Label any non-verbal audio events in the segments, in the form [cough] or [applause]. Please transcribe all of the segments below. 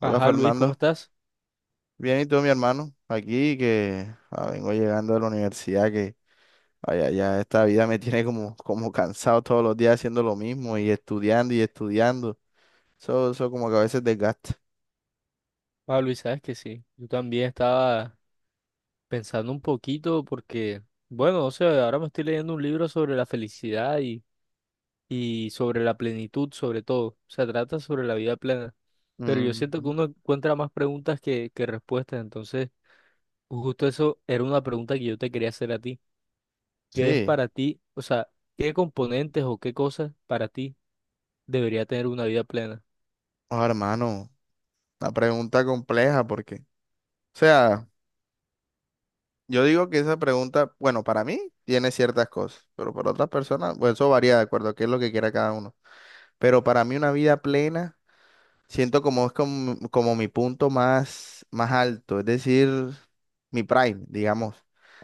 Hola Ajá, Luis, ¿cómo Fernando, estás? bien y tú mi hermano, aquí que vengo llegando de la universidad que vaya, ya esta vida me tiene como cansado todos los días haciendo lo mismo y estudiando, eso como que a veces desgasta. Ah, Luis, sabes que sí. Yo también estaba pensando un poquito porque, bueno, o sea, ahora me estoy leyendo un libro sobre la felicidad y sobre la plenitud, sobre todo. Se trata sobre la vida plena. Pero yo siento que Mm, uno encuentra más preguntas que respuestas. Entonces, justo eso era una pregunta que yo te quería hacer a ti. ¿Qué es sí, para ti? O sea, ¿qué componentes o qué cosas para ti debería tener una vida plena? oh, hermano, una pregunta compleja porque, o sea, yo digo que esa pregunta, bueno, para mí tiene ciertas cosas, pero para otras personas, pues eso varía de acuerdo a qué es lo que quiera cada uno, pero para mí una vida plena siento como es como mi punto más alto, es decir, mi prime, digamos.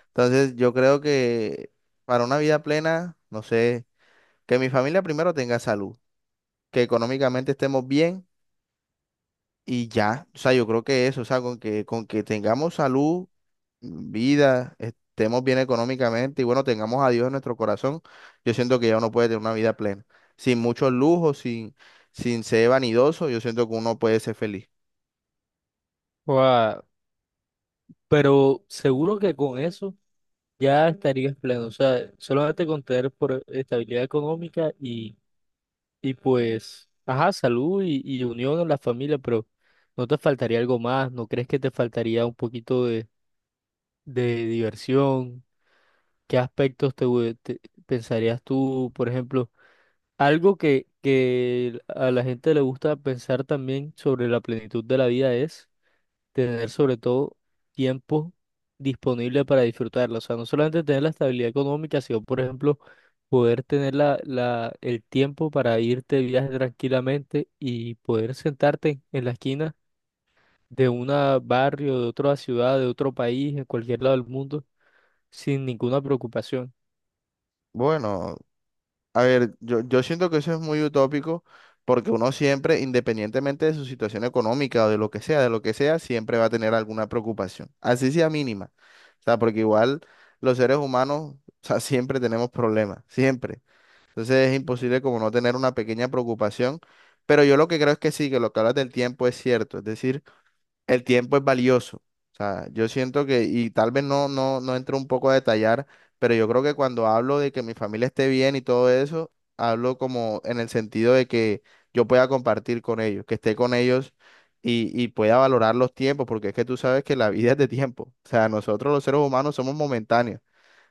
Entonces, yo creo que para una vida plena, no sé, que mi familia primero tenga salud, que económicamente estemos bien y ya. O sea, yo creo que eso, o sea, con que tengamos salud, vida, estemos bien económicamente y bueno, tengamos a Dios en nuestro corazón, yo siento que ya uno puede tener una vida plena. Sin muchos lujos, sin ser vanidoso, yo siento que uno puede ser feliz. Guau, pero seguro que con eso ya estarías pleno. O sea, solamente con tener por estabilidad económica y pues, ajá, salud y unión en la familia, pero ¿no te faltaría algo más? ¿No crees que te faltaría un poquito de diversión? ¿Qué aspectos te, pensarías tú, por ejemplo? Algo que a la gente le gusta pensar también sobre la plenitud de la vida es tener sobre todo tiempo disponible para disfrutarla. O sea, no solamente tener la estabilidad económica, sino, por ejemplo, poder tener el tiempo para irte de viaje tranquilamente y poder sentarte en la esquina de un barrio, de otra ciudad, de otro país, en cualquier lado del mundo, sin ninguna preocupación. Bueno, a ver, yo siento que eso es muy utópico porque uno siempre, independientemente de su situación económica o de lo que sea, de lo que sea, siempre va a tener alguna preocupación, así sea mínima. O sea, porque igual los seres humanos, o sea, siempre tenemos problemas, siempre. Entonces es imposible como no tener una pequeña preocupación, pero yo lo que creo es que sí, que lo que hablas del tiempo es cierto. Es decir, el tiempo es valioso. O sea, yo siento que, y tal vez no entro un poco a detallar, pero yo creo que cuando hablo de que mi familia esté bien y todo eso, hablo como en el sentido de que yo pueda compartir con ellos, que esté con ellos y pueda valorar los tiempos, porque es que tú sabes que la vida es de tiempo. O sea, nosotros los seres humanos somos momentáneos.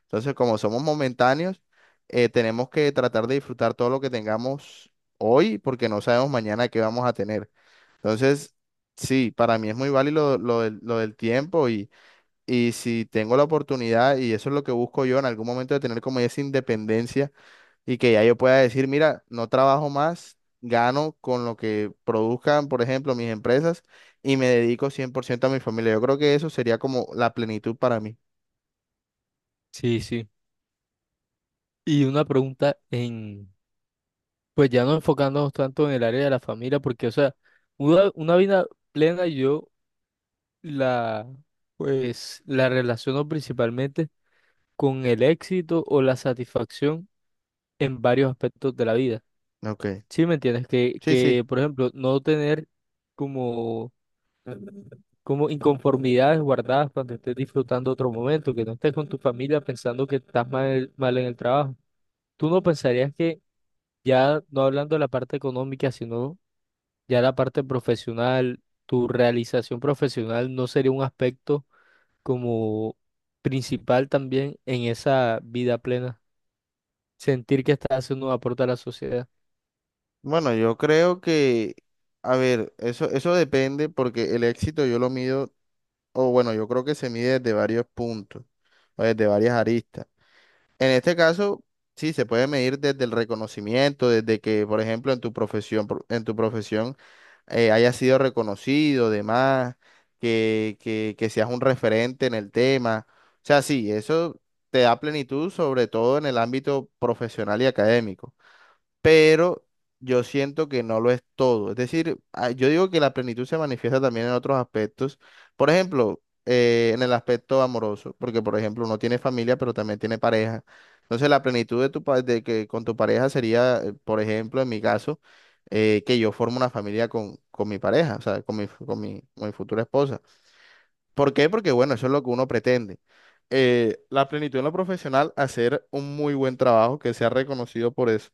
Entonces, como somos momentáneos, tenemos que tratar de disfrutar todo lo que tengamos hoy, porque no sabemos mañana qué vamos a tener. Entonces, sí, para mí es muy válido lo del tiempo y si tengo la oportunidad, y eso es lo que busco yo en algún momento de tener como esa independencia y que ya yo pueda decir, mira, no trabajo más, gano con lo que produzcan, por ejemplo, mis empresas y me dedico 100% a mi familia. Yo creo que eso sería como la plenitud para mí. Sí, sí. Y una pregunta en, pues ya no enfocándonos tanto en el área de la familia, porque, o sea, una vida plena, La, pues, la relaciono principalmente con el éxito o la satisfacción en varios aspectos de la vida. Ok. ¿Sí me entiendes? Sí, sí. Por ejemplo, no tener como, como inconformidades guardadas cuando estés disfrutando otro momento, que no estés con tu familia pensando que estás mal, mal en el trabajo. ¿Tú no pensarías que ya, no hablando de la parte económica, sino ya la parte profesional, tu realización profesional no sería un aspecto como principal también en esa vida plena, sentir que estás haciendo un aporte a la sociedad? Bueno, yo creo que, a ver, eso depende porque el éxito yo lo mido o bueno, yo creo que se mide desde varios puntos o desde varias aristas. En este caso, sí, se puede medir desde el reconocimiento, desde que, por ejemplo, en tu profesión haya sido reconocido, demás, que seas un referente en el tema. O sea, sí, eso te da plenitud, sobre todo en el ámbito profesional y académico, pero yo siento que no lo es todo. Es decir, yo digo que la plenitud se manifiesta también en otros aspectos. Por ejemplo, en el aspecto amoroso, porque por ejemplo uno tiene familia, pero también tiene pareja. Entonces la plenitud de de que con tu pareja sería, por ejemplo, en mi caso, que yo formo una familia con mi pareja, o sea, con mi futura esposa. ¿Por qué? Porque bueno, eso es lo que uno pretende. La plenitud en lo profesional, hacer un muy buen trabajo que sea reconocido por eso,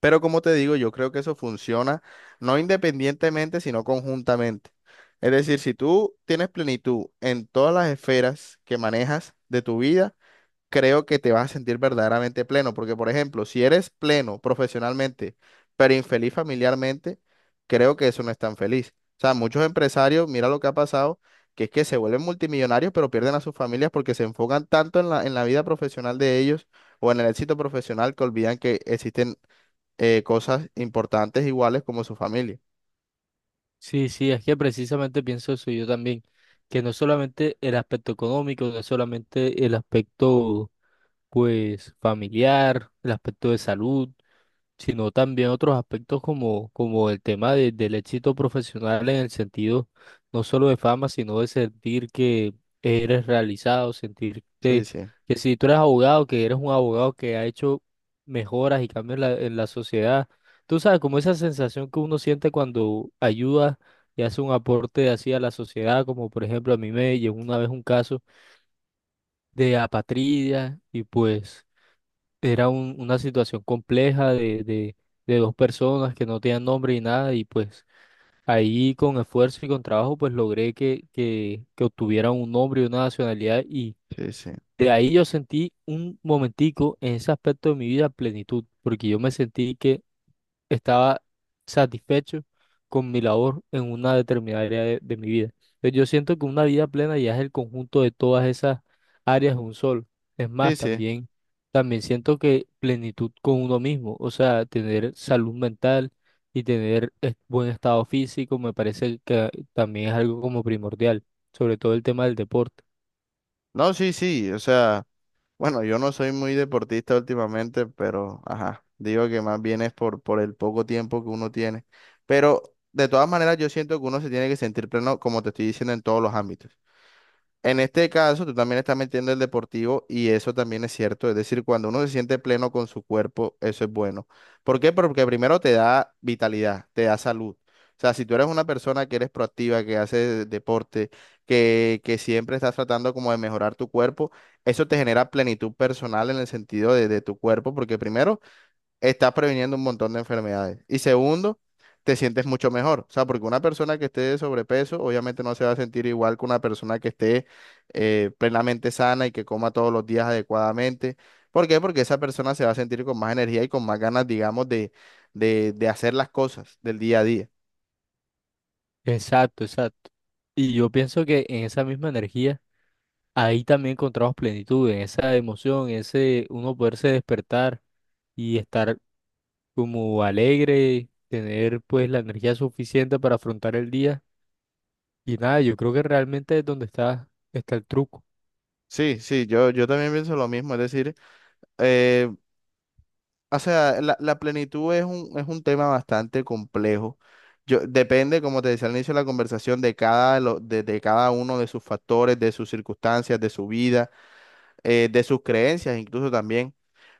pero como te digo, yo creo que eso funciona no independientemente, sino conjuntamente. Es decir, si tú tienes plenitud en todas las esferas que manejas de tu vida, creo que te vas a sentir verdaderamente pleno. Porque, por ejemplo, si eres pleno profesionalmente, pero infeliz familiarmente, creo que eso no es tan feliz. O sea, muchos empresarios, mira lo que ha pasado, que es que se vuelven multimillonarios, pero pierden a sus familias porque se enfocan tanto en en la vida profesional de ellos o en el éxito profesional, que olvidan que existen cosas importantes iguales como su familia. Sí, sí, es que precisamente pienso eso yo también, que no es solamente el aspecto económico, no es solamente el aspecto pues familiar, el aspecto de salud, sino también otros aspectos como, como el tema del éxito profesional en el sentido no solo de fama, sino de sentir que eres realizado, Sí, sentirte sí, que si tú eres abogado, que eres un abogado que ha hecho mejoras y cambios en la sociedad. Tú sabes, como esa sensación que uno siente cuando ayuda y hace un aporte así a la sociedad, como por ejemplo a mí me llegó una vez un caso de apatridia y pues... Era una situación compleja de dos personas que no tenían nombre y nada, y pues ahí con esfuerzo y con trabajo, pues logré que obtuvieran un nombre y una nacionalidad, y sí, sí, de ahí yo sentí un momentico en ese aspecto de mi vida plenitud, porque yo me sentí que estaba satisfecho con mi labor en una determinada área de mi vida. Entonces, yo siento que una vida plena ya es el conjunto de todas esas áreas de un solo. Es más, sí, sí. también, también siento que plenitud con uno mismo, o sea, tener salud mental y tener buen estado físico, me parece que también es algo como primordial, sobre todo el tema del deporte. No, sí, sí, o sea, bueno, yo no soy muy deportista últimamente, pero, ajá, digo que más bien es por el poco tiempo que uno tiene. Pero, de todas maneras, yo siento que uno se tiene que sentir pleno, como te estoy diciendo, en todos los ámbitos. En este caso, tú también estás metiendo el deportivo y eso también es cierto. Es decir, cuando uno se siente pleno con su cuerpo, eso es bueno. ¿Por qué? Porque primero te da vitalidad, te da salud. O sea, si tú eres una persona que eres proactiva, que hace deporte, que siempre estás tratando como de mejorar tu cuerpo, eso te genera plenitud personal en el sentido de tu cuerpo, porque primero estás previniendo un montón de enfermedades. Y segundo, te sientes mucho mejor. O sea, porque una persona que esté de sobrepeso, obviamente no se va a sentir igual que una persona que esté plenamente sana y que coma todos los días adecuadamente. ¿Por qué? Porque esa persona se va a sentir con más energía y con más ganas, digamos, de hacer las cosas del día a día. Exacto, exacto. Y yo pienso que en esa misma energía ahí también encontramos plenitud, en esa emoción, en ese uno poderse despertar y estar como alegre, tener pues la energía suficiente para afrontar el día. Y nada, yo creo que realmente es donde está el truco. Sí, sí, yo también pienso lo mismo. Es decir, eh, o sea, la plenitud es es un tema bastante complejo. Yo, depende, como te decía al inicio de la conversación, de de cada uno de sus factores, de sus circunstancias, de su vida, de sus creencias incluso también.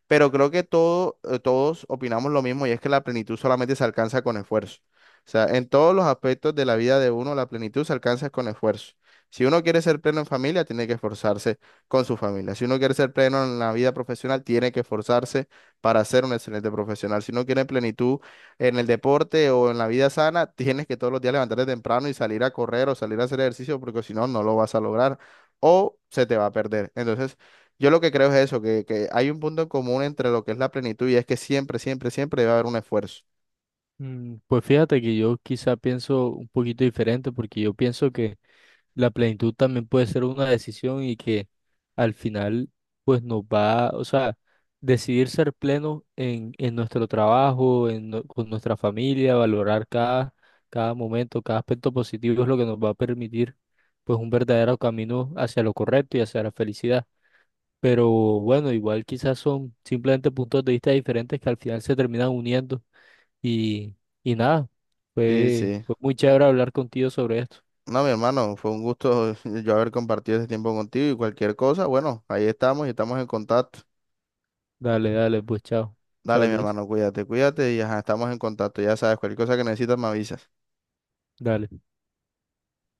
Pero creo que todo, todos opinamos lo mismo y es que la plenitud solamente se alcanza con esfuerzo. O sea, en todos los aspectos de la vida de uno, la plenitud se alcanza con esfuerzo. Si uno quiere ser pleno en familia, tiene que esforzarse con su familia. Si uno quiere ser pleno en la vida profesional, tiene que esforzarse para ser un excelente profesional. Si uno quiere plenitud en el deporte o en la vida sana, [laughs] tienes que todos los días levantarte temprano y salir a correr o salir a hacer ejercicio, porque si no, no lo vas a lograr o se te va a perder. Entonces, yo lo que creo es eso, que hay un punto en común entre lo que es la plenitud y es que siempre, siempre, siempre debe haber un esfuerzo. Mm, pues fíjate que yo quizá pienso un poquito diferente porque yo pienso que la plenitud también puede ser una decisión y que al final pues nos va, o sea, decidir ser pleno en nuestro trabajo, con nuestra familia, valorar cada momento, cada aspecto positivo es lo que nos va a permitir pues un verdadero camino hacia lo correcto y hacia la felicidad. Pero bueno, igual quizás son simplemente puntos de vista diferentes que al final se terminan uniendo y, y nada, Sí, sí. fue muy chévere hablar contigo sobre esto. No, mi hermano, fue un gusto, [laughs] yo haber compartido este tiempo contigo y cualquier cosa, bueno, ahí estamos y estamos en contacto. Dale, dale, pues chao. Dale, Chao, mi Luis. hermano, cuídate, cuídate y ajá, estamos en contacto. Ya sabes, cualquier cosa que necesitas me avisas. Dale.